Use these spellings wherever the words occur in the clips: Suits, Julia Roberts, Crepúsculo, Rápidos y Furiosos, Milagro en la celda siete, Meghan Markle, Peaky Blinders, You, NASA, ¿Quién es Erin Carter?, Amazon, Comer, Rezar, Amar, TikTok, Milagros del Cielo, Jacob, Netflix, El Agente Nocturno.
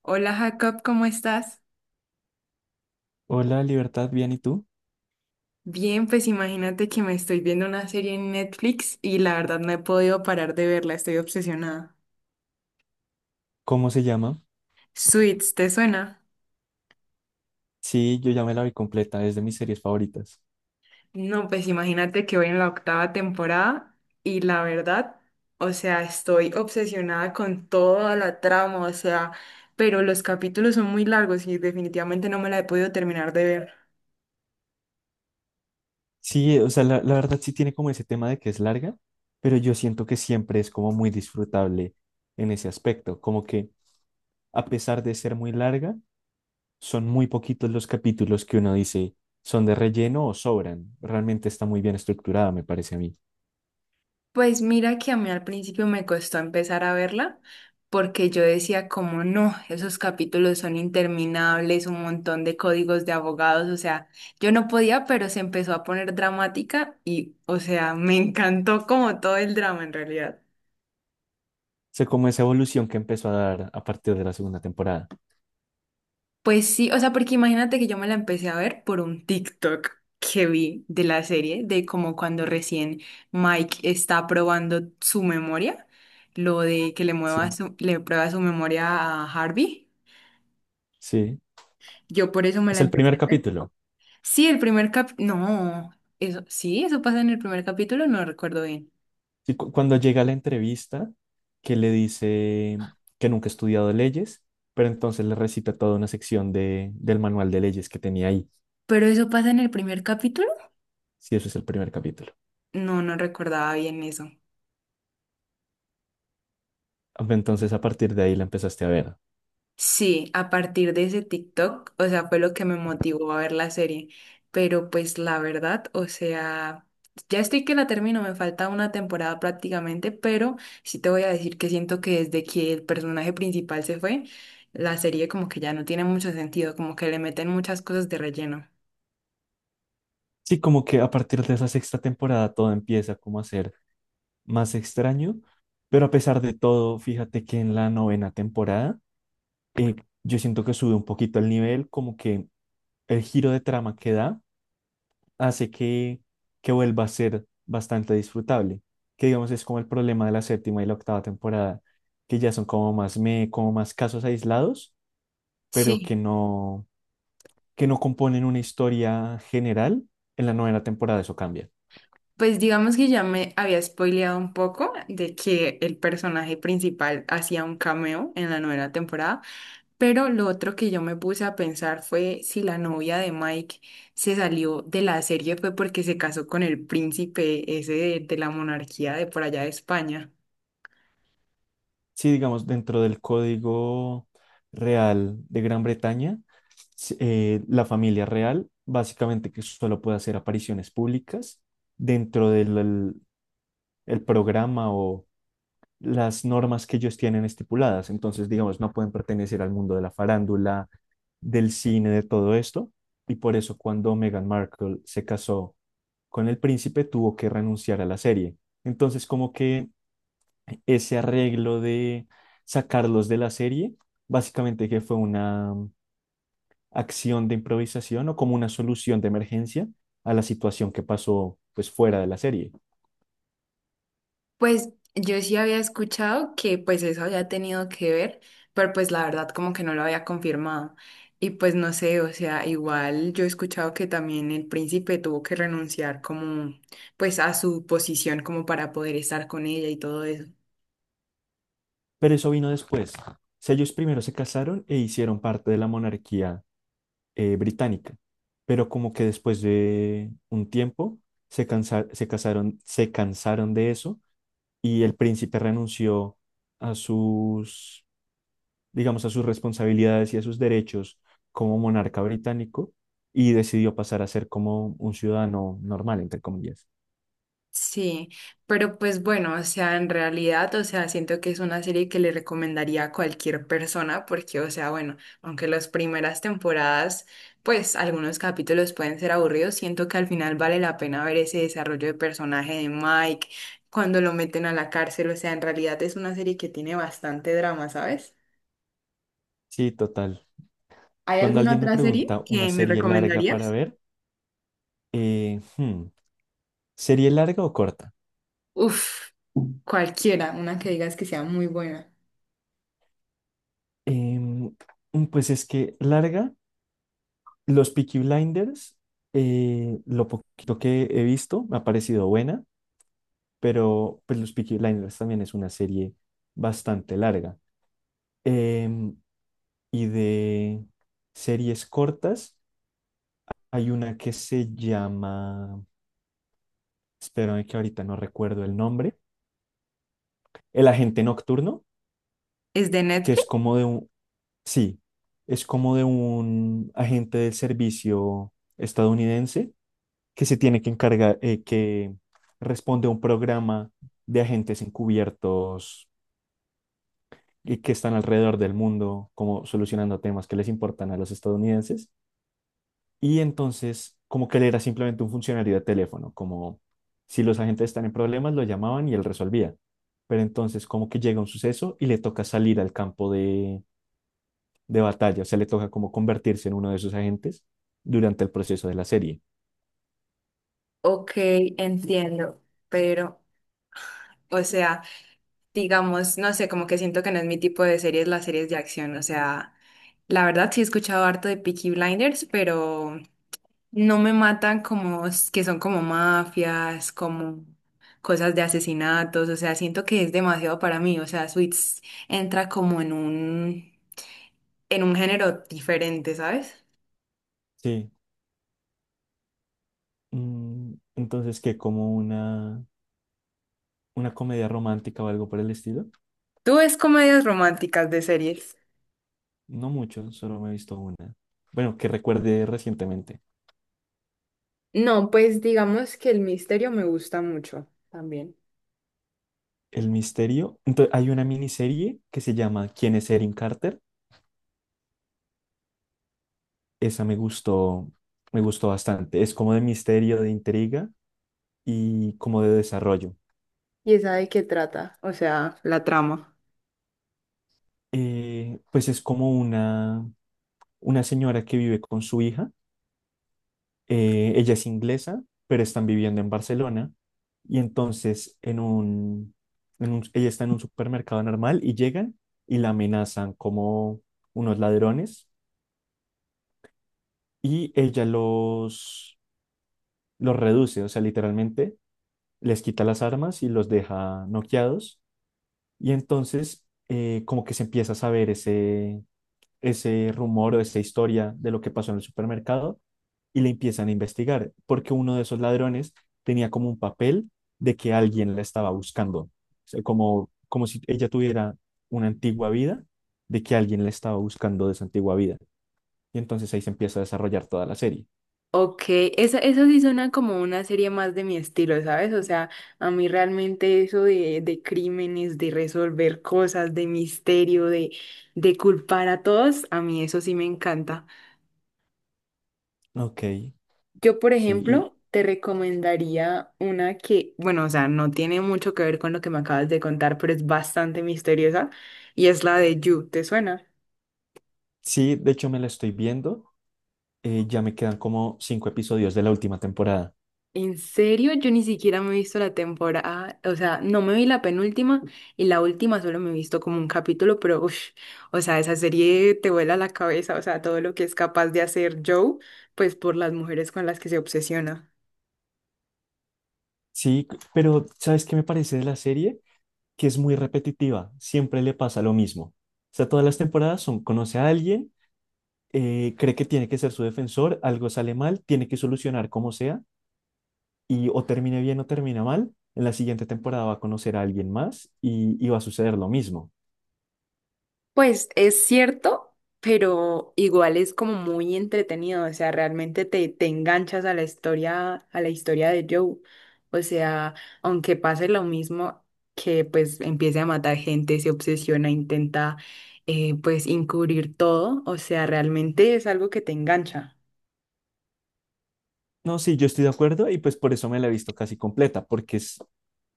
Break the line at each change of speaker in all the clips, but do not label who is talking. Hola Jacob, ¿cómo estás?
Hola, Libertad, bien, ¿y tú?
Bien, pues imagínate que me estoy viendo una serie en Netflix y la verdad no he podido parar de verla, estoy obsesionada.
¿Cómo se llama?
Suits, ¿te suena?
Sí, yo ya me la vi completa, es de mis series favoritas.
No, pues imagínate que voy en la octava temporada y la verdad, o sea, estoy obsesionada con toda la trama, o sea, pero los capítulos son muy largos y definitivamente no me la he podido terminar de ver.
Sí, o sea, la verdad sí tiene como ese tema de que es larga, pero yo siento que siempre es como muy disfrutable en ese aspecto, como que a pesar de ser muy larga, son muy poquitos los capítulos que uno dice son de relleno o sobran. Realmente está muy bien estructurada, me parece a mí.
Pues mira que a mí al principio me costó empezar a verla porque yo decía como no, esos capítulos son interminables, un montón de códigos de abogados, o sea, yo no podía, pero se empezó a poner dramática y, o sea, me encantó como todo el drama en realidad.
O como esa evolución que empezó a dar a partir de la segunda temporada.
Pues sí, o sea, porque imagínate que yo me la empecé a ver por un TikTok que vi de la serie, de como cuando recién Mike está probando su memoria, lo de que le mueva
Sí,
su, le prueba su memoria a Harvey.
sí.
Yo por eso me
Es
la
el
empecé
primer
a ver.
capítulo.
Sí, el primer cap... No, eso, sí, eso pasa en el primer capítulo, no recuerdo bien.
Sí, cuando llega a la entrevista, que le dice que nunca ha estudiado leyes, pero entonces le recita toda una sección del manual de leyes que tenía ahí.
Pero eso pasa en el primer capítulo.
Sí, eso es el primer capítulo.
No, no recordaba bien eso.
Ah, entonces, a partir de ahí la empezaste a ver.
Sí, a partir de ese TikTok, o sea, fue lo que me motivó a ver la serie. Pero pues la verdad, o sea, ya estoy que la termino, me falta una temporada prácticamente, pero sí te voy a decir que siento que desde que el personaje principal se fue, la serie como que ya no tiene mucho sentido, como que le meten muchas cosas de relleno.
Sí, como que a partir de esa sexta temporada todo empieza como a ser más extraño, pero a pesar de todo, fíjate que en la novena temporada eh, yo siento que sube un poquito el nivel, como que el giro de trama que da hace que vuelva a ser bastante disfrutable, que digamos es como el problema de la séptima y la octava temporada, que ya son como más, me, como más casos aislados, pero
Sí,
que no componen una historia general. En la novena temporada eso cambia.
pues digamos que ya me había spoileado un poco de que el personaje principal hacía un cameo en la novena temporada, pero lo otro que yo me puse a pensar fue si la novia de Mike se salió de la serie fue porque se casó con el príncipe ese de la monarquía de por allá de España.
Sí, digamos, dentro del código real de Gran Bretaña, s- la familia real básicamente que solo puede hacer apariciones públicas dentro del el programa o las normas que ellos tienen estipuladas. Entonces, digamos, no pueden pertenecer al mundo de la farándula, del cine, de todo esto. Y por eso cuando Meghan Markle se casó con el príncipe, tuvo que renunciar a la serie. Entonces, como que ese arreglo de sacarlos de la serie, básicamente que fue una acción de improvisación o como una solución de emergencia a la situación que pasó pues fuera de la serie.
Pues yo sí había escuchado que pues eso había tenido que ver, pero pues la verdad como que no lo había confirmado. Y pues no sé, o sea, igual yo he escuchado que también el príncipe tuvo que renunciar como pues a su posición como para poder estar con ella y todo eso.
Pero eso vino después. O sea, ellos primero se casaron e hicieron parte de la monarquía británica, pero como que después de un tiempo se casaron, se cansaron de eso y el príncipe renunció a sus, digamos, a sus responsabilidades y a sus derechos como monarca británico y decidió pasar a ser como un ciudadano normal, entre comillas.
Sí, pero pues bueno, o sea, en realidad, o sea, siento que es una serie que le recomendaría a cualquier persona porque, o sea, bueno, aunque las primeras temporadas, pues algunos capítulos pueden ser aburridos, siento que al final vale la pena ver ese desarrollo de personaje de Mike cuando lo meten a la cárcel, o sea, en realidad es una serie que tiene bastante drama, ¿sabes?
Sí, total.
¿Hay
Cuando
alguna
alguien me
otra serie
pregunta una
que me
serie larga para
recomendarías?
ver, eh, hmm, ¿serie larga o corta?
Uf, cualquiera, una que digas que sea muy buena.
Em, pues es que larga Los Peaky Blinders, lo poquito que he visto, me ha parecido buena, pero pues los Peaky Blinders también es una serie bastante larga. Em, y de series cortas, hay una que se llama, espérame que ahorita no recuerdo el nombre, El Agente Nocturno,
¿Es de
que es
Netflix?
como de un, sí, es como de un agente del servicio estadounidense que se tiene que encargar, que responde a un programa de agentes encubiertos y que están alrededor del mundo, como solucionando temas que les importan a los estadounidenses. Y entonces, como que él era simplemente un funcionario de teléfono, como si los agentes están en problemas, lo llamaban y él resolvía. Pero entonces, como que llega un suceso y le toca salir al campo de batalla, o sea, le toca como convertirse en uno de esos agentes durante el proceso de la serie.
Ok, entiendo, pero, o sea, digamos, no sé, como que siento que no es mi tipo de series, las series de acción, o sea, la verdad sí he escuchado harto de Peaky Blinders, pero no me matan como s- que son como mafias, como cosas de asesinatos, o sea, siento que es demasiado para mí, o sea, Suits entra como en un género diferente, ¿sabes?
Sí. Entonces, que como una comedia romántica o algo por el estilo?
¿Tú ves comedias románticas de series?
No mucho, solo me he visto una. Bueno, que recuerde recientemente.
No, pues digamos que el misterio me gusta mucho también.
El misterio. Entonces, hay una miniserie que se llama ¿Quién es Erin Carter? Esa me gustó bastante. Es como de misterio, de intriga y como de desarrollo.
Y esa de qué trata, o sea, la trama.
Pues es como una señora que vive con su hija. Ella es inglesa, pero están viviendo en Barcelona. Y entonces ella está en un supermercado normal y llegan y la amenazan como unos ladrones y ella los reduce, o sea, literalmente les quita las armas y los deja noqueados. Y entonces como que se empieza a saber ese rumor o esa historia de lo que pasó en el supermercado y le empiezan a investigar, porque uno de esos ladrones tenía como un papel de que alguien la estaba buscando, o sea, como, como si ella tuviera una antigua vida, de que alguien la estaba buscando de esa antigua vida. Y entonces ahí se empieza a desarrollar toda la serie.
Ok, esa, eso sí suena como una serie más de mi estilo, ¿sabes? O sea, a mí realmente eso de crímenes, de resolver cosas, de misterio, de culpar a todos, a mí eso sí me encanta.
Ok,
Yo, por
sí. Y
ejemplo, te recomendaría una que, bueno, o sea, no tiene mucho que ver con lo que me acabas de contar, pero es bastante misteriosa y es la de You, ¿te suena?
sí, de hecho me la estoy viendo, ya me quedan como cinco episodios de la última temporada.
En serio, yo ni siquiera me he visto la temporada, o sea, no me vi la penúltima y la última solo me he visto como un capítulo, pero uff, o sea, esa serie te vuela la cabeza, o sea, todo lo que es capaz de hacer Joe, pues por las mujeres con las que se obsesiona.
Sí, pero ¿sabes qué me parece de la serie? Que es muy repetitiva, siempre le pasa lo mismo. O sea, todas las temporadas son, conoce a alguien, cree que tiene que ser su defensor, algo sale mal, tiene que solucionar como sea, y o termine bien o termina mal, en la siguiente temporada va a conocer a alguien más y va a suceder lo mismo.
Pues es cierto, pero igual es como muy entretenido, o sea, realmente te, te enganchas a la historia de Joe. O sea, aunque pase lo mismo que pues empiece a matar gente, se obsesiona, intenta pues encubrir todo, o sea, realmente es algo que te engancha.
No, sí, yo estoy de acuerdo y pues por eso me la he visto casi completa, porque es,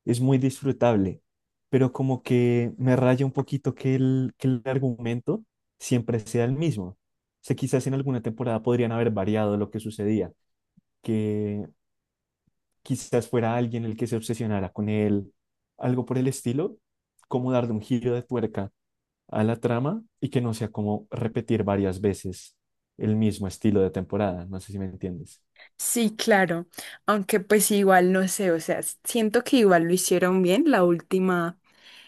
es muy disfrutable, pero como que me raya un poquito que el argumento siempre sea el mismo. O sea, quizás en alguna temporada podrían haber variado lo que sucedía que quizás fuera alguien el que se obsesionara con él, algo por el estilo, como darle un giro de tuerca a la trama y que no sea como repetir varias veces el mismo estilo de temporada, no sé si me entiendes.
Sí, claro, aunque pues igual no sé, o sea, siento que igual lo hicieron bien la última.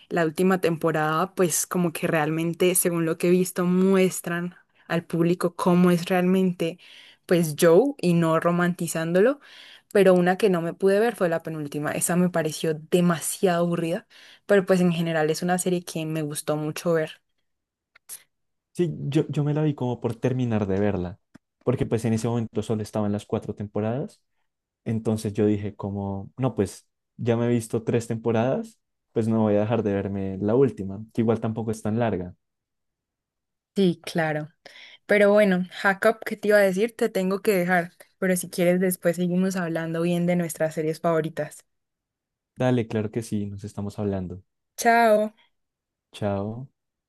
La última temporada, pues como que realmente, según lo que he visto, muestran al público cómo es realmente, pues Joe y no romantizándolo. Pero una que no me pude ver fue la penúltima. Esa me pareció demasiado aburrida, pero pues en general es una serie que me gustó mucho ver.
Sí, yo me la vi como por terminar de verla, porque pues en ese momento solo estaban las cuatro temporadas, entonces yo dije como, no, pues ya me he visto tres temporadas, pues no voy a dejar de verme la última, que igual tampoco es tan larga.
Sí, claro. Pero bueno, Jacob, ¿qué te iba a decir? Te tengo que dejar, pero si quieres después seguimos hablando bien de nuestras series favoritas.
Dale, claro que sí, nos estamos hablando.
Chao.
Chao.